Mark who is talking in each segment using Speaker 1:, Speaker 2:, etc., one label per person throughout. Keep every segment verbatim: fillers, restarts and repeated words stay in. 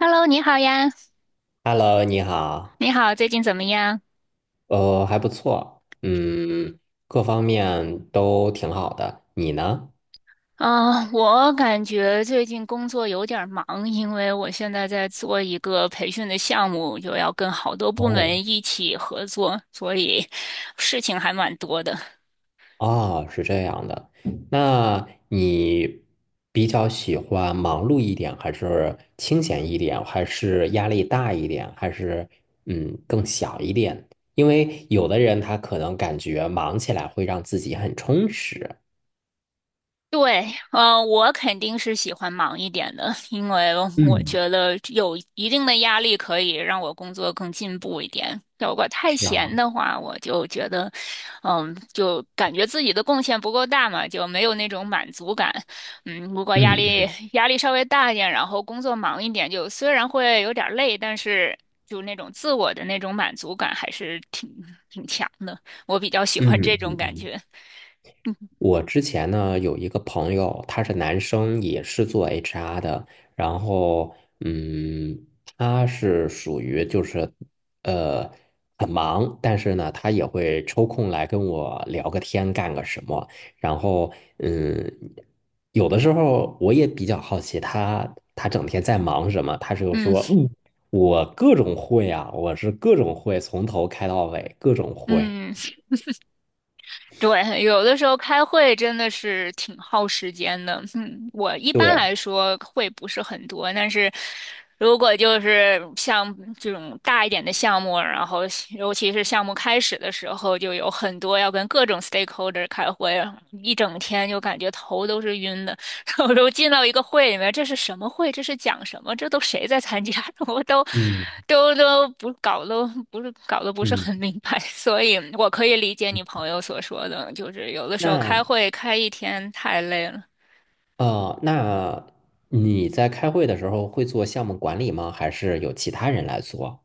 Speaker 1: Hello，你好呀，
Speaker 2: Hello，你好，
Speaker 1: 你好，最近怎么样？
Speaker 2: 呃，还不错，嗯，各方面都挺好的。你呢？
Speaker 1: 啊，我感觉最近工作有点儿忙，因为我现在在做一个培训的项目，又要跟好多部
Speaker 2: 哦。
Speaker 1: 门一起合作，所以事情还蛮多的。
Speaker 2: 哦，是这样的，那你比较喜欢忙碌一点，还是清闲一点，还是压力大一点，还是嗯更小一点？因为有的人他可能感觉忙起来会让自己很充实。
Speaker 1: 对，呃，我肯定是喜欢忙一点的，因为我
Speaker 2: 嗯。
Speaker 1: 觉得有一定的压力可以让我工作更进步一点。如果太
Speaker 2: 是啊。
Speaker 1: 闲的话，我就觉得，嗯，就感觉自己的贡献不够大嘛，就没有那种满足感。嗯，如果压
Speaker 2: 嗯
Speaker 1: 力
Speaker 2: 嗯
Speaker 1: 压力稍微大一点，然后工作忙一点，就虽然会有点儿累，但是就那种自我的那种满足感还是挺挺强的。我比较喜
Speaker 2: 嗯
Speaker 1: 欢这种
Speaker 2: 嗯
Speaker 1: 感
Speaker 2: 嗯。
Speaker 1: 觉。
Speaker 2: 我之前呢有一个朋友，他是男生，也是做 H R 的，然后嗯，他是属于就是呃很忙，但是呢他也会抽空来跟我聊个天，干个什么，然后嗯，有的时候我也比较好奇他他整天在忙什么，他就说
Speaker 1: 嗯
Speaker 2: 嗯，我各种会啊，我是各种会，从头开到尾，各种会。
Speaker 1: 嗯。对，有的时候开会真的是挺耗时间的。嗯，我一般
Speaker 2: 对，
Speaker 1: 来说会不是很多，但是如果就是像这种大一点的项目，然后尤其是项目开始的时候，就有很多要跟各种 stakeholder 开会，一整天就感觉头都是晕的。我都进到一个会里面，这是什么会？这是讲什么？这都谁在参加？我都
Speaker 2: 嗯
Speaker 1: 都都不搞都不是搞得不是
Speaker 2: 嗯。
Speaker 1: 很明白，所以我可以理解你朋友所说的，就是有的时候开
Speaker 2: 那
Speaker 1: 会开一天太累了。
Speaker 2: 呃，那你在开会的时候会做项目管理吗？还是有其他人来做？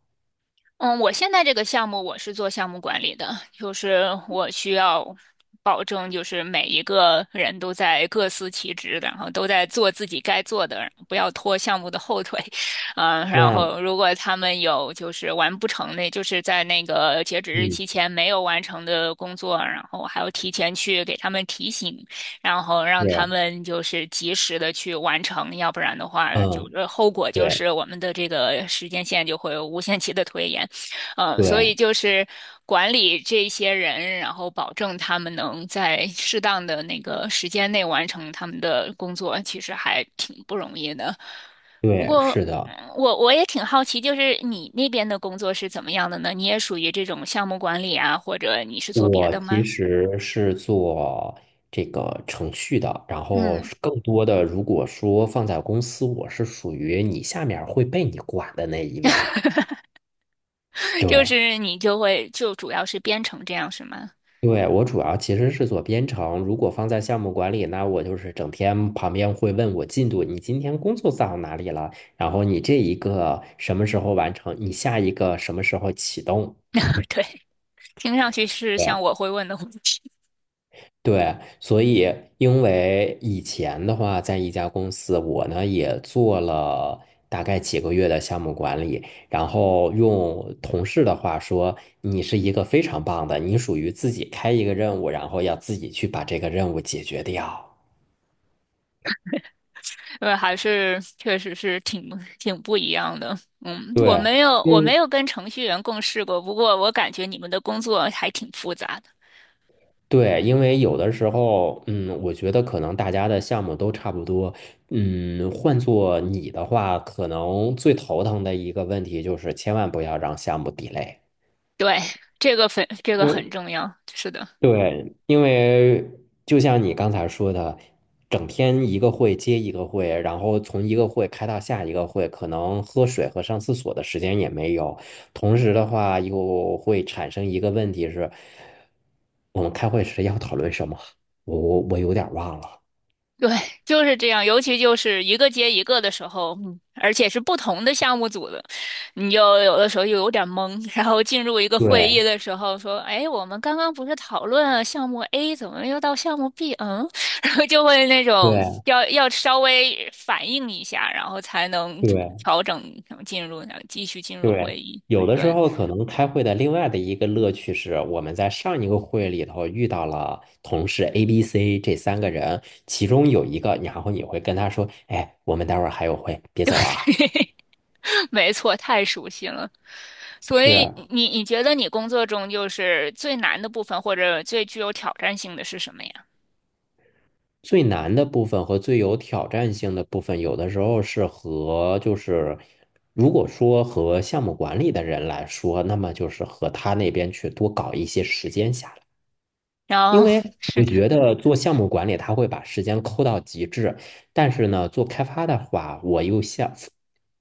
Speaker 1: 嗯，我现在这个项目我是做项目管理的，就是我需要保证，就是每一个人都在各司其职，然后都在做自己该做的，不要拖项目的后腿。嗯，然
Speaker 2: 那
Speaker 1: 后如果他们有就是完不成的，就是在那个截止日
Speaker 2: 嗯，
Speaker 1: 期前没有完成的工作，然后我还要提前去给他们提醒，然后让他
Speaker 2: 是，
Speaker 1: 们就是及时的去完成，要不然的话，就
Speaker 2: 嗯，
Speaker 1: 是后果就
Speaker 2: 对
Speaker 1: 是我们的这个时间线就会无限期的推延。嗯，所以
Speaker 2: 对
Speaker 1: 就是管理这些人，然后保证他们能在适当的那个时间内完成他们的工作，其实还挺不容易的。不
Speaker 2: 对，
Speaker 1: 过，
Speaker 2: 是
Speaker 1: 嗯
Speaker 2: 的，
Speaker 1: 我我也挺好奇，就是你那边的工作是怎么样的呢？你也属于这种项目管理啊，或者你是做别
Speaker 2: 我
Speaker 1: 的
Speaker 2: 其
Speaker 1: 吗？
Speaker 2: 实是做这个程序的，然后
Speaker 1: 嗯，
Speaker 2: 是更多的，如果说放在公司，我是属于你下面儿会被你管的那一位。
Speaker 1: 就
Speaker 2: 对。
Speaker 1: 是你就会就主要是编程这样是吗？
Speaker 2: 对，我主要其实是做编程，如果放在项目管理，那我就是整天旁边会问我进度，你今天工作到哪里了？然后你这一个什么时候完成？你下一个什么时候启动？
Speaker 1: 对，听上去是
Speaker 2: 对
Speaker 1: 像我会问的问题。
Speaker 2: 对。所以因为以前的话，在一家公司，我呢也做了大概几个月的项目管理，然后用同事的话说，你是一个非常棒的，你属于自己开一个任务，然后要自己去把这个任务解决掉。
Speaker 1: 对，还是确实是挺挺不一样的。嗯，
Speaker 2: 对，
Speaker 1: 我没有我
Speaker 2: 嗯，
Speaker 1: 没有跟程序员共事过，不过我感觉你们的工作还挺复杂的。
Speaker 2: 对，因为有的时候，嗯，我觉得可能大家的项目都差不多，嗯，换做你的话，可能最头疼的一个问题就是千万不要让项目 delay。
Speaker 1: 对，这个很这个很重要。是的。
Speaker 2: 对，因为就像你刚才说的，整天一个会接一个会，然后从一个会开到下一个会，可能喝水和上厕所的时间也没有。同时的话，又会产生一个问题是，我们开会时要讨论什么？我我我有点儿忘了。
Speaker 1: 对，就是这样，尤其就是一个接一个的时候，嗯而且是不同的项目组的，你就有的时候又有点懵。然后进入一个会议
Speaker 2: 对
Speaker 1: 的时候，说：“哎，我们刚刚不是讨论了项目 A，怎么又到项目 B？” 嗯，然后就会那种
Speaker 2: 对
Speaker 1: 要要稍微反应一下，然后才能
Speaker 2: 对。
Speaker 1: 调整，然后进入，然后继续进入
Speaker 2: 对，
Speaker 1: 会议。
Speaker 2: 有的时
Speaker 1: 对，
Speaker 2: 候可能开会的另外的一个乐趣是，我们在上一个会里头遇到了同事 A、B、C 这三个人，其中有一个，然后你会跟他说：“哎，我们待会儿还有会，别走 啊。”
Speaker 1: 没错，太熟悉了。所
Speaker 2: 是
Speaker 1: 以你你觉得你工作中就是最难的部分，或者最具有挑战性的是什么呀？
Speaker 2: 最难的部分和最有挑战性的部分，有的时候是和就是，如果说和项目管理的人来说，那么就是和他那边去多搞一些时间下来。因
Speaker 1: 然后
Speaker 2: 为
Speaker 1: 是
Speaker 2: 我
Speaker 1: 的，
Speaker 2: 觉得做项目管理，他会把时间抠到极致，但是呢，做开发的话，我又像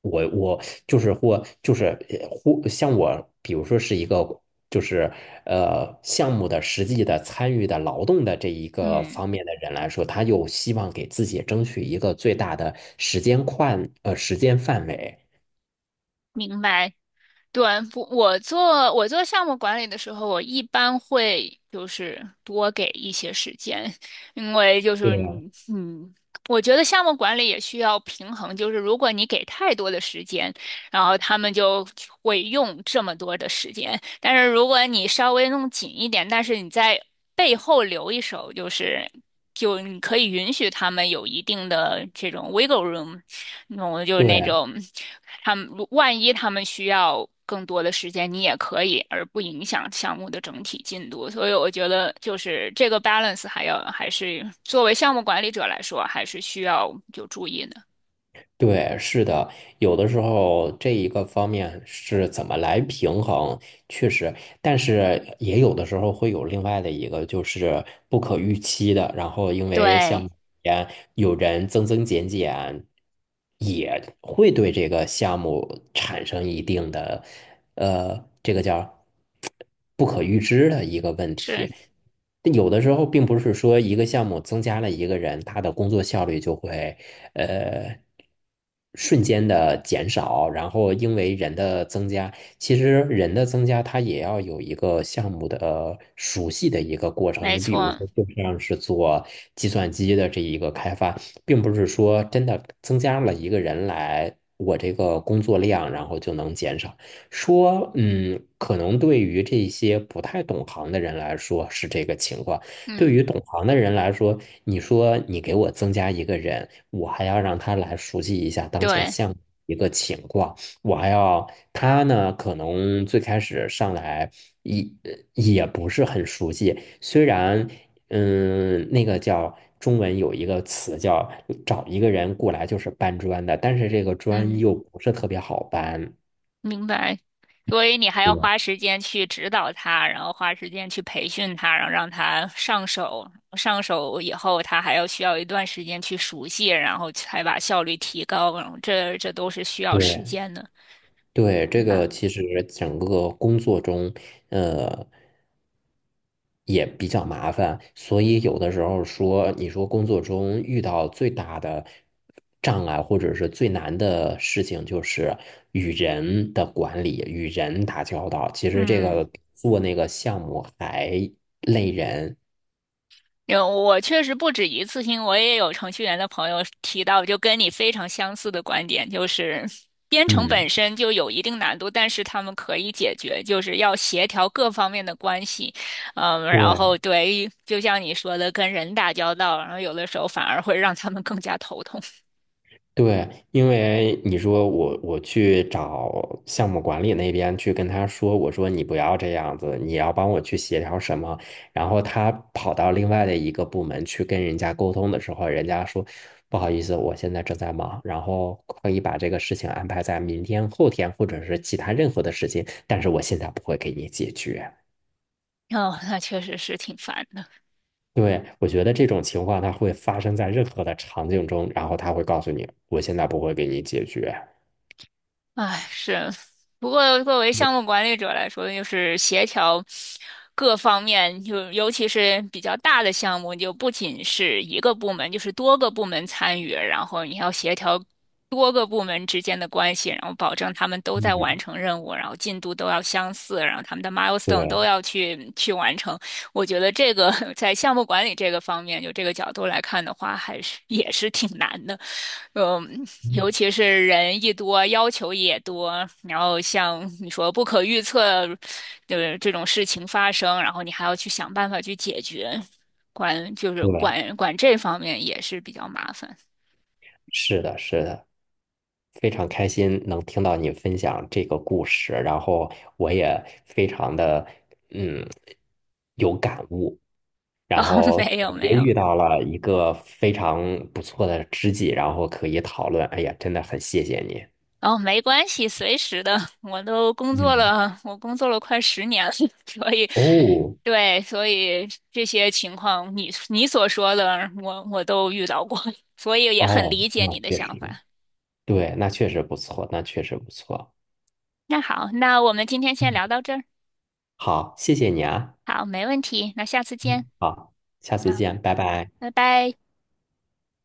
Speaker 2: 我我就是或就是呃或像我，比如说是一个就是呃项目的实际的参与的劳动的这一个
Speaker 1: 嗯，
Speaker 2: 方面的人来说，他又希望给自己争取一个最大的时间宽呃时间范围。
Speaker 1: 明白。对，不，我做我做项目管理的时候，我一般会就是多给一些时间，因为就是
Speaker 2: 对
Speaker 1: 你嗯，我觉得项目管理也需要平衡，就是如果你给太多的时间，然后他们就会用这么多的时间。但是如果你稍微弄紧一点，但是你在背后留一手，就是就你可以允许他们有一定的这种 wiggle room，那种就是那
Speaker 2: 对。
Speaker 1: 种他们万一他们需要。更多的时间你也可以，而不影响项目的整体进度。所以我觉得，就是这个 balance 还要还是作为项目管理者来说，还是需要有注意的。
Speaker 2: 对，是的，有的时候这一个方面是怎么来平衡，确实，但是也有的时候会有另外的一个，就是不可预期的。然后因为像
Speaker 1: 对，
Speaker 2: 前有人增增减减，也会对这个项目产生一定的，呃，这个叫不可预知的一个问题。
Speaker 1: 是
Speaker 2: 但有的时候并不是说一个项目增加了一个人，他的工作效率就会呃瞬间的减少，然后因为人的增加，其实人的增加它也要有一个项目的熟悉的一个过程。
Speaker 1: 没
Speaker 2: 你比如
Speaker 1: 错，
Speaker 2: 说，就像是做计算机的这一个开发，并不是说真的增加了一个人来，我这个工作量然后就能减少。说，嗯，可能对于这些不太懂行的人来说是这个情况，对
Speaker 1: 嗯。
Speaker 2: 于懂行的人来说，你说你给我增加一个人，我还要让他来熟悉一下当前
Speaker 1: 对，
Speaker 2: 项目一个情况，我还要他呢，可能最开始上来也也不是很熟悉，虽然，嗯，那个叫。中文有一个词叫找一个人过来就是搬砖的，但是这个砖
Speaker 1: 嗯，
Speaker 2: 又不是特别好搬。
Speaker 1: 明白。所以你还要
Speaker 2: 对。
Speaker 1: 花时间去指导他，然后花时间去培训他，然后让他上手。上手以后，他还要需要一段时间去熟悉，然后才把效率提高。然后这这都是需要
Speaker 2: 对
Speaker 1: 时间的，
Speaker 2: 对，这
Speaker 1: 明白？
Speaker 2: 个其实整个工作中也比较麻烦，所以有的时候说，你说工作中遇到最大的障碍或者是最难的事情，就是与人的管理、与人打交道。其实这
Speaker 1: 嗯，
Speaker 2: 个做那个项目还累人。
Speaker 1: 有，我确实不止一次性，我也有程序员的朋友提到，就跟你非常相似的观点，就是编程
Speaker 2: 嗯，
Speaker 1: 本身就有一定难度，但是他们可以解决，就是要协调各方面的关系，嗯，然后
Speaker 2: 对。
Speaker 1: 对，就像你说的，跟人打交道，然后有的时候反而会让他们更加头痛，
Speaker 2: 对，因为你说我我去找项目管理那边去跟他说，我说你不要这样子，你要帮我去协调什么，然后他跑到另外的一个部门去跟人家沟通的时候，人家说不好意思，我现在正在忙，然后可以把这个事情安排在明天、后天或者是其他任何的时间，但是我现在不会给你解决。
Speaker 1: 哦，那确实是挺烦的。
Speaker 2: 对，我觉得这种情况它会发生在任何的场景中，然后他会告诉你，我现在不会给你解决。
Speaker 1: 唉，是。不过作为项目管理者来说，就是协调各方面，就尤其是比较大的项目，就不仅是一个部门，就是多个部门参与，然后你要协调多个部门之间的关系，然后保证他们都在完
Speaker 2: 嗯，
Speaker 1: 成任务，然后进度都要相似，然后他们的 milestone 都
Speaker 2: 对。
Speaker 1: 要去去完成。我觉得这个 在项目管理这个方面，就这个角度来看的话，还是也是挺难的。嗯，尤其是人一多，要求也多，然后像你说不可预测的这种事情发生，然后你还要去想办法去解决，管就是
Speaker 2: 对，
Speaker 1: 管管这方面也是比较麻烦。
Speaker 2: 是的，是的，非常开心能听到你分享这个故事，然后我也非常的嗯有感悟，
Speaker 1: 然
Speaker 2: 然
Speaker 1: 后
Speaker 2: 后
Speaker 1: 没有
Speaker 2: 感觉
Speaker 1: 没有，
Speaker 2: 遇到了一个非常不错的知己，然后可以讨论。哎呀，真的很谢谢你。
Speaker 1: 然后没关系，随时的，我都工作
Speaker 2: 嗯，
Speaker 1: 了，我工作了快十年了，所以
Speaker 2: 哦
Speaker 1: 对，所以这些情况你你所说的，我我都遇到过，所以也很
Speaker 2: 哦，
Speaker 1: 理解
Speaker 2: 那
Speaker 1: 你的
Speaker 2: 确
Speaker 1: 想
Speaker 2: 实，
Speaker 1: 法。
Speaker 2: 对，那确实不错，那确实不错。
Speaker 1: 那好，那我们今天先
Speaker 2: 嗯，
Speaker 1: 聊到这儿。
Speaker 2: 好，谢谢你啊。
Speaker 1: 好，没问题，那下次
Speaker 2: 嗯，
Speaker 1: 见
Speaker 2: 好，下次
Speaker 1: 啊，
Speaker 2: 见，拜拜。
Speaker 1: 拜拜。